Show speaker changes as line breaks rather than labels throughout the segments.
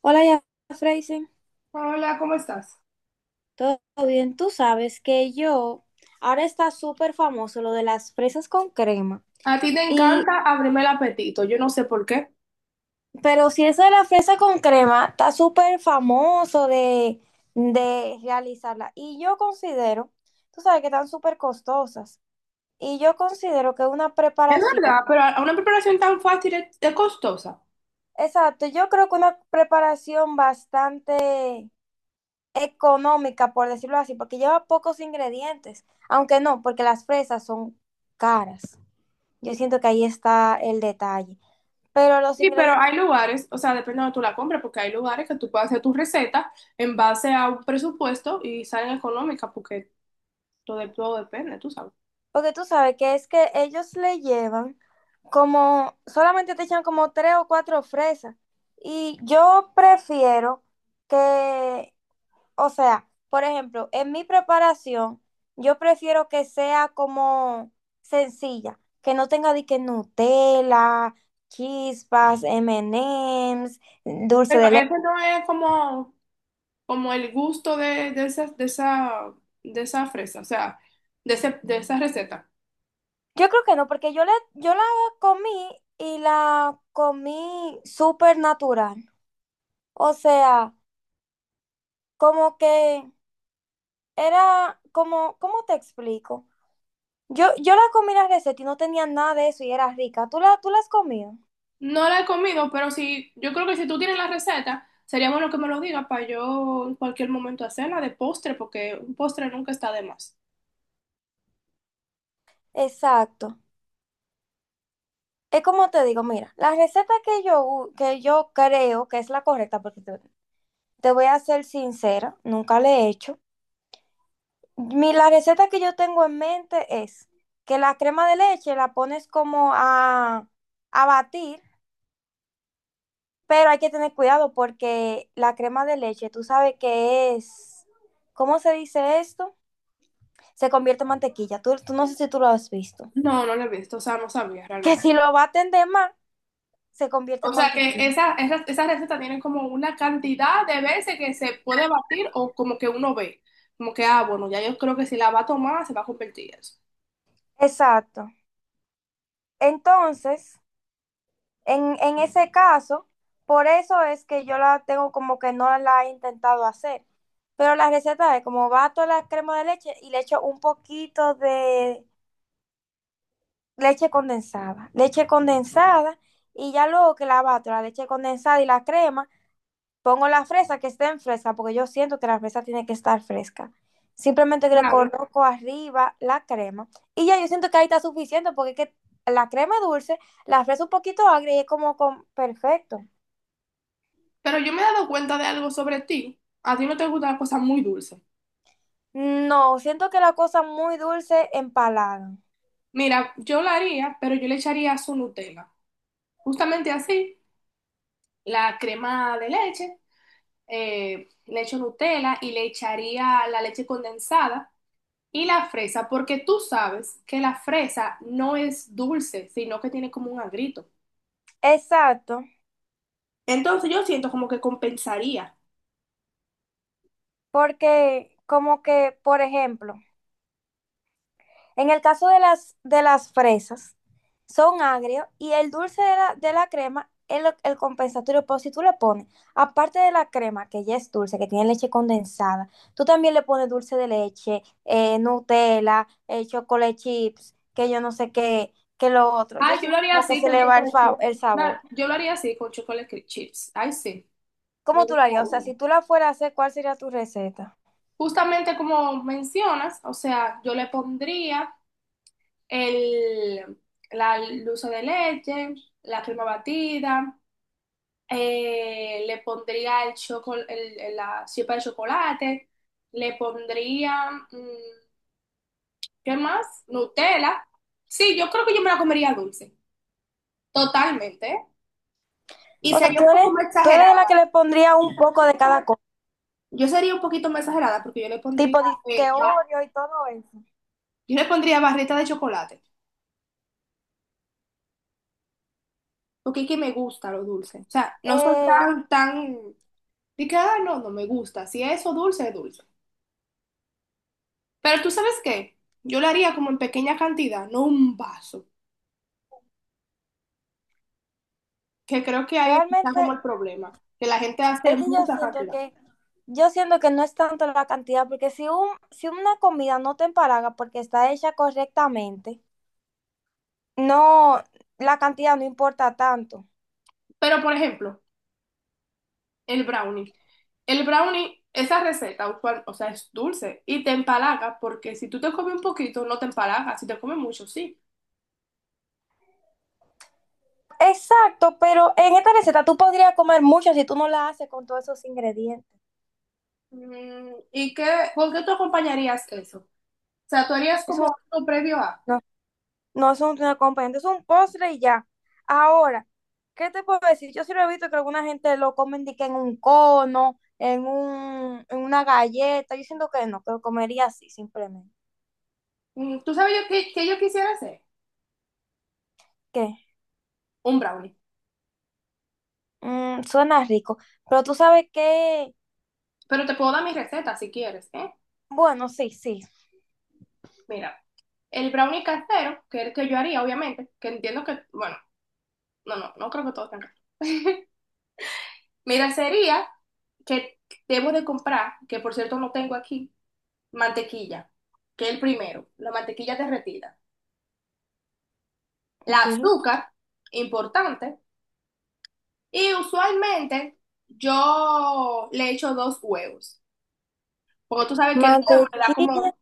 Hola, ya, Freisen.
Hola, ¿cómo estás?
¿Todo bien? Tú sabes que yo, ahora está súper famoso lo de las fresas con crema.
A ti te
Y,
encanta abrirme el apetito, yo no sé por qué.
pero si eso de la fresa con crema está súper famoso de realizarla. Y yo considero, tú sabes que están súper costosas. Y yo considero que una
Es
preparación,
verdad, pero una preparación tan fácil es costosa.
exacto, yo creo que una preparación bastante económica, por decirlo así, porque lleva pocos ingredientes, aunque no, porque las fresas son caras. Yo siento que ahí está el detalle. Pero los
Sí, pero
ingredientes,
hay lugares, o sea, depende de donde tú la compres, porque hay lugares que tú puedes hacer tu receta en base a un presupuesto y salen económicas, porque todo depende, tú sabes.
porque tú sabes que es que ellos le llevan como, solamente te echan como tres o cuatro fresas. Y yo prefiero que o sea, por ejemplo, en mi preparación, yo prefiero que sea como sencilla, que no tenga de que Nutella, chispas, M&Ms, dulce
Pero
de leche.
ese no es como, como el gusto de esa, de esa fresa, o sea, de esa receta.
Yo creo que no, porque yo la comí y la comí súper natural. O sea, como que era como, ¿cómo te explico? Yo la comí la receta y no tenía nada de eso y era rica. ¿Tú la has comido?
No la he comido, pero si, yo creo que si tú tienes la receta, sería bueno que me lo digas para yo en cualquier momento hacerla de postre, porque un postre nunca está de más.
Exacto. Es como te digo, mira, la receta que yo creo que es la correcta, porque te voy a ser sincera, nunca la he hecho. Mi, la receta que yo tengo en mente es que la crema de leche la pones como a batir, pero hay que tener cuidado porque la crema de leche, tú sabes que es, ¿cómo se dice esto? Se convierte en mantequilla. Tú no sé si tú lo has visto.
No, no la he visto, o sea, no sabía
Que
realmente.
si lo baten de más, se convierte
O
en
sea que
mantequilla.
esa receta tiene como una cantidad de veces que se puede batir o como que uno ve, como que, ah, bueno, ya yo creo que si la va a tomar se va a convertir eso.
Exacto. Entonces... En ese caso, por eso es que yo la tengo como que no la he intentado hacer. Pero la receta es como bato la crema de leche y le echo un poquito de leche condensada. Leche condensada y ya luego que la bato, la leche condensada y la crema, pongo la fresa que esté en fresca, porque yo siento que la fresa tiene que estar fresca. Simplemente que le
Claro,
coloco arriba la crema y ya yo siento que ahí está suficiente porque es que la crema es dulce, la fresa un poquito agria y es como con- perfecto.
pero yo me he dado cuenta de algo sobre ti. A ti no te gustan las cosas muy dulces.
No, siento que la cosa muy dulce empalagan.
Mira, yo la haría, pero yo le echaría su Nutella. Justamente así, la crema de leche, le echo Nutella y le echaría la leche condensada y la fresa, porque tú sabes que la fresa no es dulce, sino que tiene como un agrito.
Exacto,
Entonces yo siento como que compensaría.
porque como que, por ejemplo, en el caso de las fresas, son agrios y el dulce de la crema es lo- el compensatorio, pero si tú le pones, aparte de la crema, que ya es dulce, que tiene leche condensada, tú también le pones dulce de leche, Nutella, chocolate chips, que yo no sé qué, que lo otro. Yo
Ay, yo lo
siento
haría
como que
así
se
con
le va el,
chocolate
fa-
chips.
el
Claro,
sabor.
yo lo haría así con chips. Ay, sí, me
¿Cómo tú lo harías? O sea,
gustaría.
si tú la fueras a hacer, ¿cuál sería tu receta?
Justamente como mencionas, o sea, yo le pondría el, la dulce de leche, la crema batida, le pondría el chocolate, la chispa de chocolate, le pondría, ¿qué más? Nutella. Sí, yo creo que yo me la comería dulce, totalmente, ¿eh? Y
O sea,
sería
tú
un poco
eres,
más
tú eres de
exagerado.
la que le pondría un poco de cada cosa,
Yo sería un poquito más exagerada porque yo le pondría,
tipo de
eh, ba-
Oreo y todo eso.
yo le pondría barrita de chocolate, porque es que me gusta lo dulce. O sea, no soy
Eh,
tan, de que, ah, no, no me gusta. Si es eso dulce, es dulce. Pero tú sabes qué, yo lo haría como en pequeña cantidad, no un vaso, que creo que ahí está
Realmente
como el problema, que la gente hace
es que yo
mucha
siento
cantidad.
que yo siento que no es tanto la cantidad, porque si un, si una comida no te empalaga porque está hecha correctamente, no, la cantidad no importa tanto.
Pero, por ejemplo, el brownie. El brownie, esa receta, o sea, es dulce y te empalaga, porque si tú te comes un poquito, no te empalaga, si te comes mucho, sí.
Exacto, pero en esta receta tú podrías comer mucho si tú no la haces con todos esos ingredientes.
¿Y qué, con qué tú acompañarías eso? O sea, tú harías como
Eso
algo previo a.
no. No es un acompañante, es un postre y ya. Ahora, ¿qué te puedo decir? Yo sí lo he visto que alguna gente lo comen de que en un cono, en un, en una galleta. Yo siento que no, que lo comería así, simplemente.
¿Tú sabes yo qué, qué yo quisiera hacer?
¿Qué?
Un brownie.
Mm, suena rico. Pero tú sabes que,
Pero te puedo dar mi receta si quieres, ¿eh?
bueno, sí, sí.
Mira, el brownie casero, que es el que yo haría, obviamente, que entiendo que, bueno, no creo que todos tengan. Mira, sería que debo de comprar, que por cierto no tengo aquí, mantequilla, que es el primero, la mantequilla derretida. La
Sí.
azúcar, importante, y usualmente yo le echo 2 huevos, porque tú sabes que el huevo le da
Mantequilla.
como,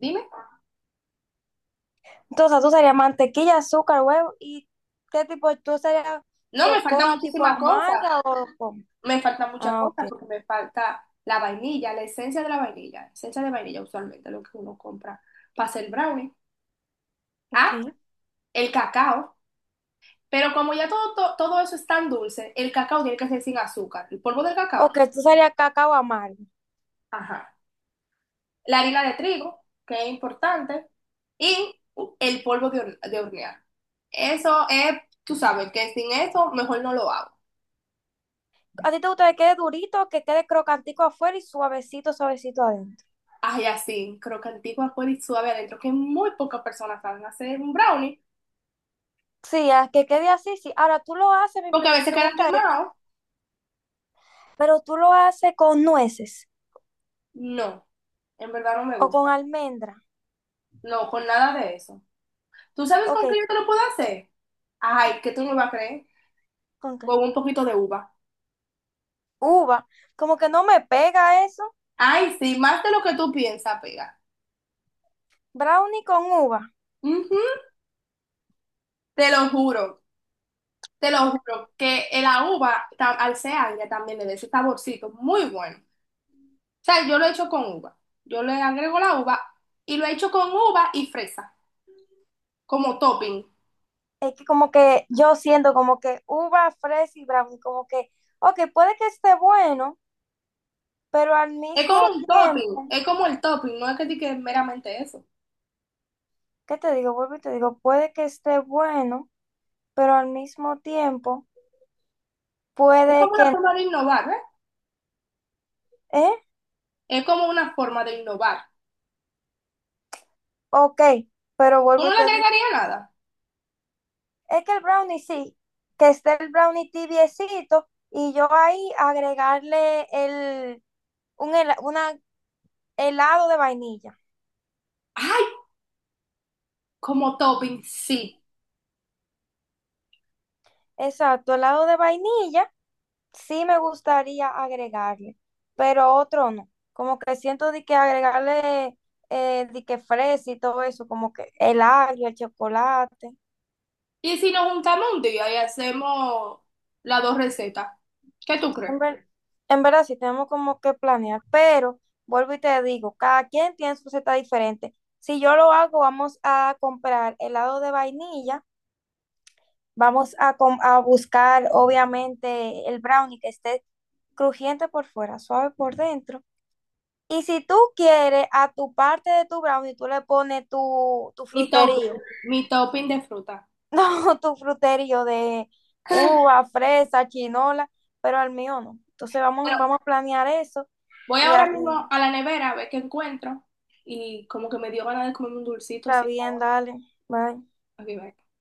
dime,
Entonces, o sea, tú serías mantequilla, azúcar, huevo. ¿Y qué tipo? ¿Tú serías
no, me falta
cocoa tipo
muchísima cosa,
amarga o...? ¿Cómo?
me falta mucha
Ah, ok.
cosa porque me falta la vainilla, la esencia de la vainilla, esencia de vainilla usualmente, lo que uno compra para hacer brownie.
Ok.
Ah, el cacao, pero como ya todo, eso es tan dulce, el cacao tiene que ser sin azúcar, el polvo del cacao.
Ok, tú serías cacao amargo.
Ajá. La harina de trigo, que es importante, y el polvo de hornear. Eso es, tú sabes, que sin eso mejor no lo hago.
¿A ti te gusta que quede durito, que quede crocantico afuera y suavecito, suavecito adentro?
Ay, así, crocantico, afuera y suave adentro, que muy pocas personas saben hacer un brownie,
Sí, a que quede así, sí. Ahora, tú lo haces, mi
porque
pre-
a veces quedan
pregunta es,
quemados.
¿pero tú lo haces con nueces
No, en verdad no me
o con
gusta.
almendra?
No, con nada de eso. ¿Tú sabes
Ok,
con qué yo te lo puedo hacer? Ay, que tú no me vas a creer.
¿con qué?
Con un poquito de uva.
Uva. Como que no me pega eso.
Ay, sí, más de lo que tú piensas, pega.
Brownie con uva.
Ujú, te lo juro. Te lo
No
juro que en la uva, al ser agria, también le da ese saborcito muy bueno. O sea, yo lo he hecho con uva. Yo le agrego la uva y lo he hecho con uva y fresa, como topping.
es que como que yo siento como que uva fresa y brown, como que, ok, puede que esté bueno, pero al
Es
mismo
como un topping,
tiempo,
es como el topping, no es que diga meramente eso.
¿qué te digo? Vuelvo y te digo, puede que esté bueno, pero al mismo tiempo,
Es como
puede
una
que,
forma de innovar, ¿eh?
¿eh?
Es como una forma de innovar.
Ok, pero
¿Tú
vuelvo
no
y
le
te digo,
agregarías nada?
es que el brownie sí, que esté el brownie tibiecito y yo ahí agregarle el, un, hela- una helado de vainilla.
¡Ay! Como topping, sí.
Exacto, helado de vainilla sí me gustaría agregarle, pero otro no. Como que siento de que agregarle de que fresa y todo eso, como que el agrio, el chocolate.
Y si nos juntamos un día y hacemos las dos recetas, ¿qué tú crees?
En ver- en verdad sí tenemos como que planear, pero vuelvo y te digo, cada quien tiene su receta diferente. Si yo lo hago, vamos a comprar helado de vainilla, vamos a, com- a buscar obviamente el brownie que esté crujiente por fuera, suave por dentro. Y si tú quieres, a tu parte de tu brownie, tú le pones tu
Mi
fruterío.
topping, mi topping de fruta.
No, tu fruterío de uva, fresa, chinola, pero al mío no. Entonces vamos a planear eso
Voy
y
ahora
a-
mismo a la nevera a ver qué encuentro y como que me dio ganas de comerme un dulcito,
está
sí.
bien, dale. Bye.
Aquí va.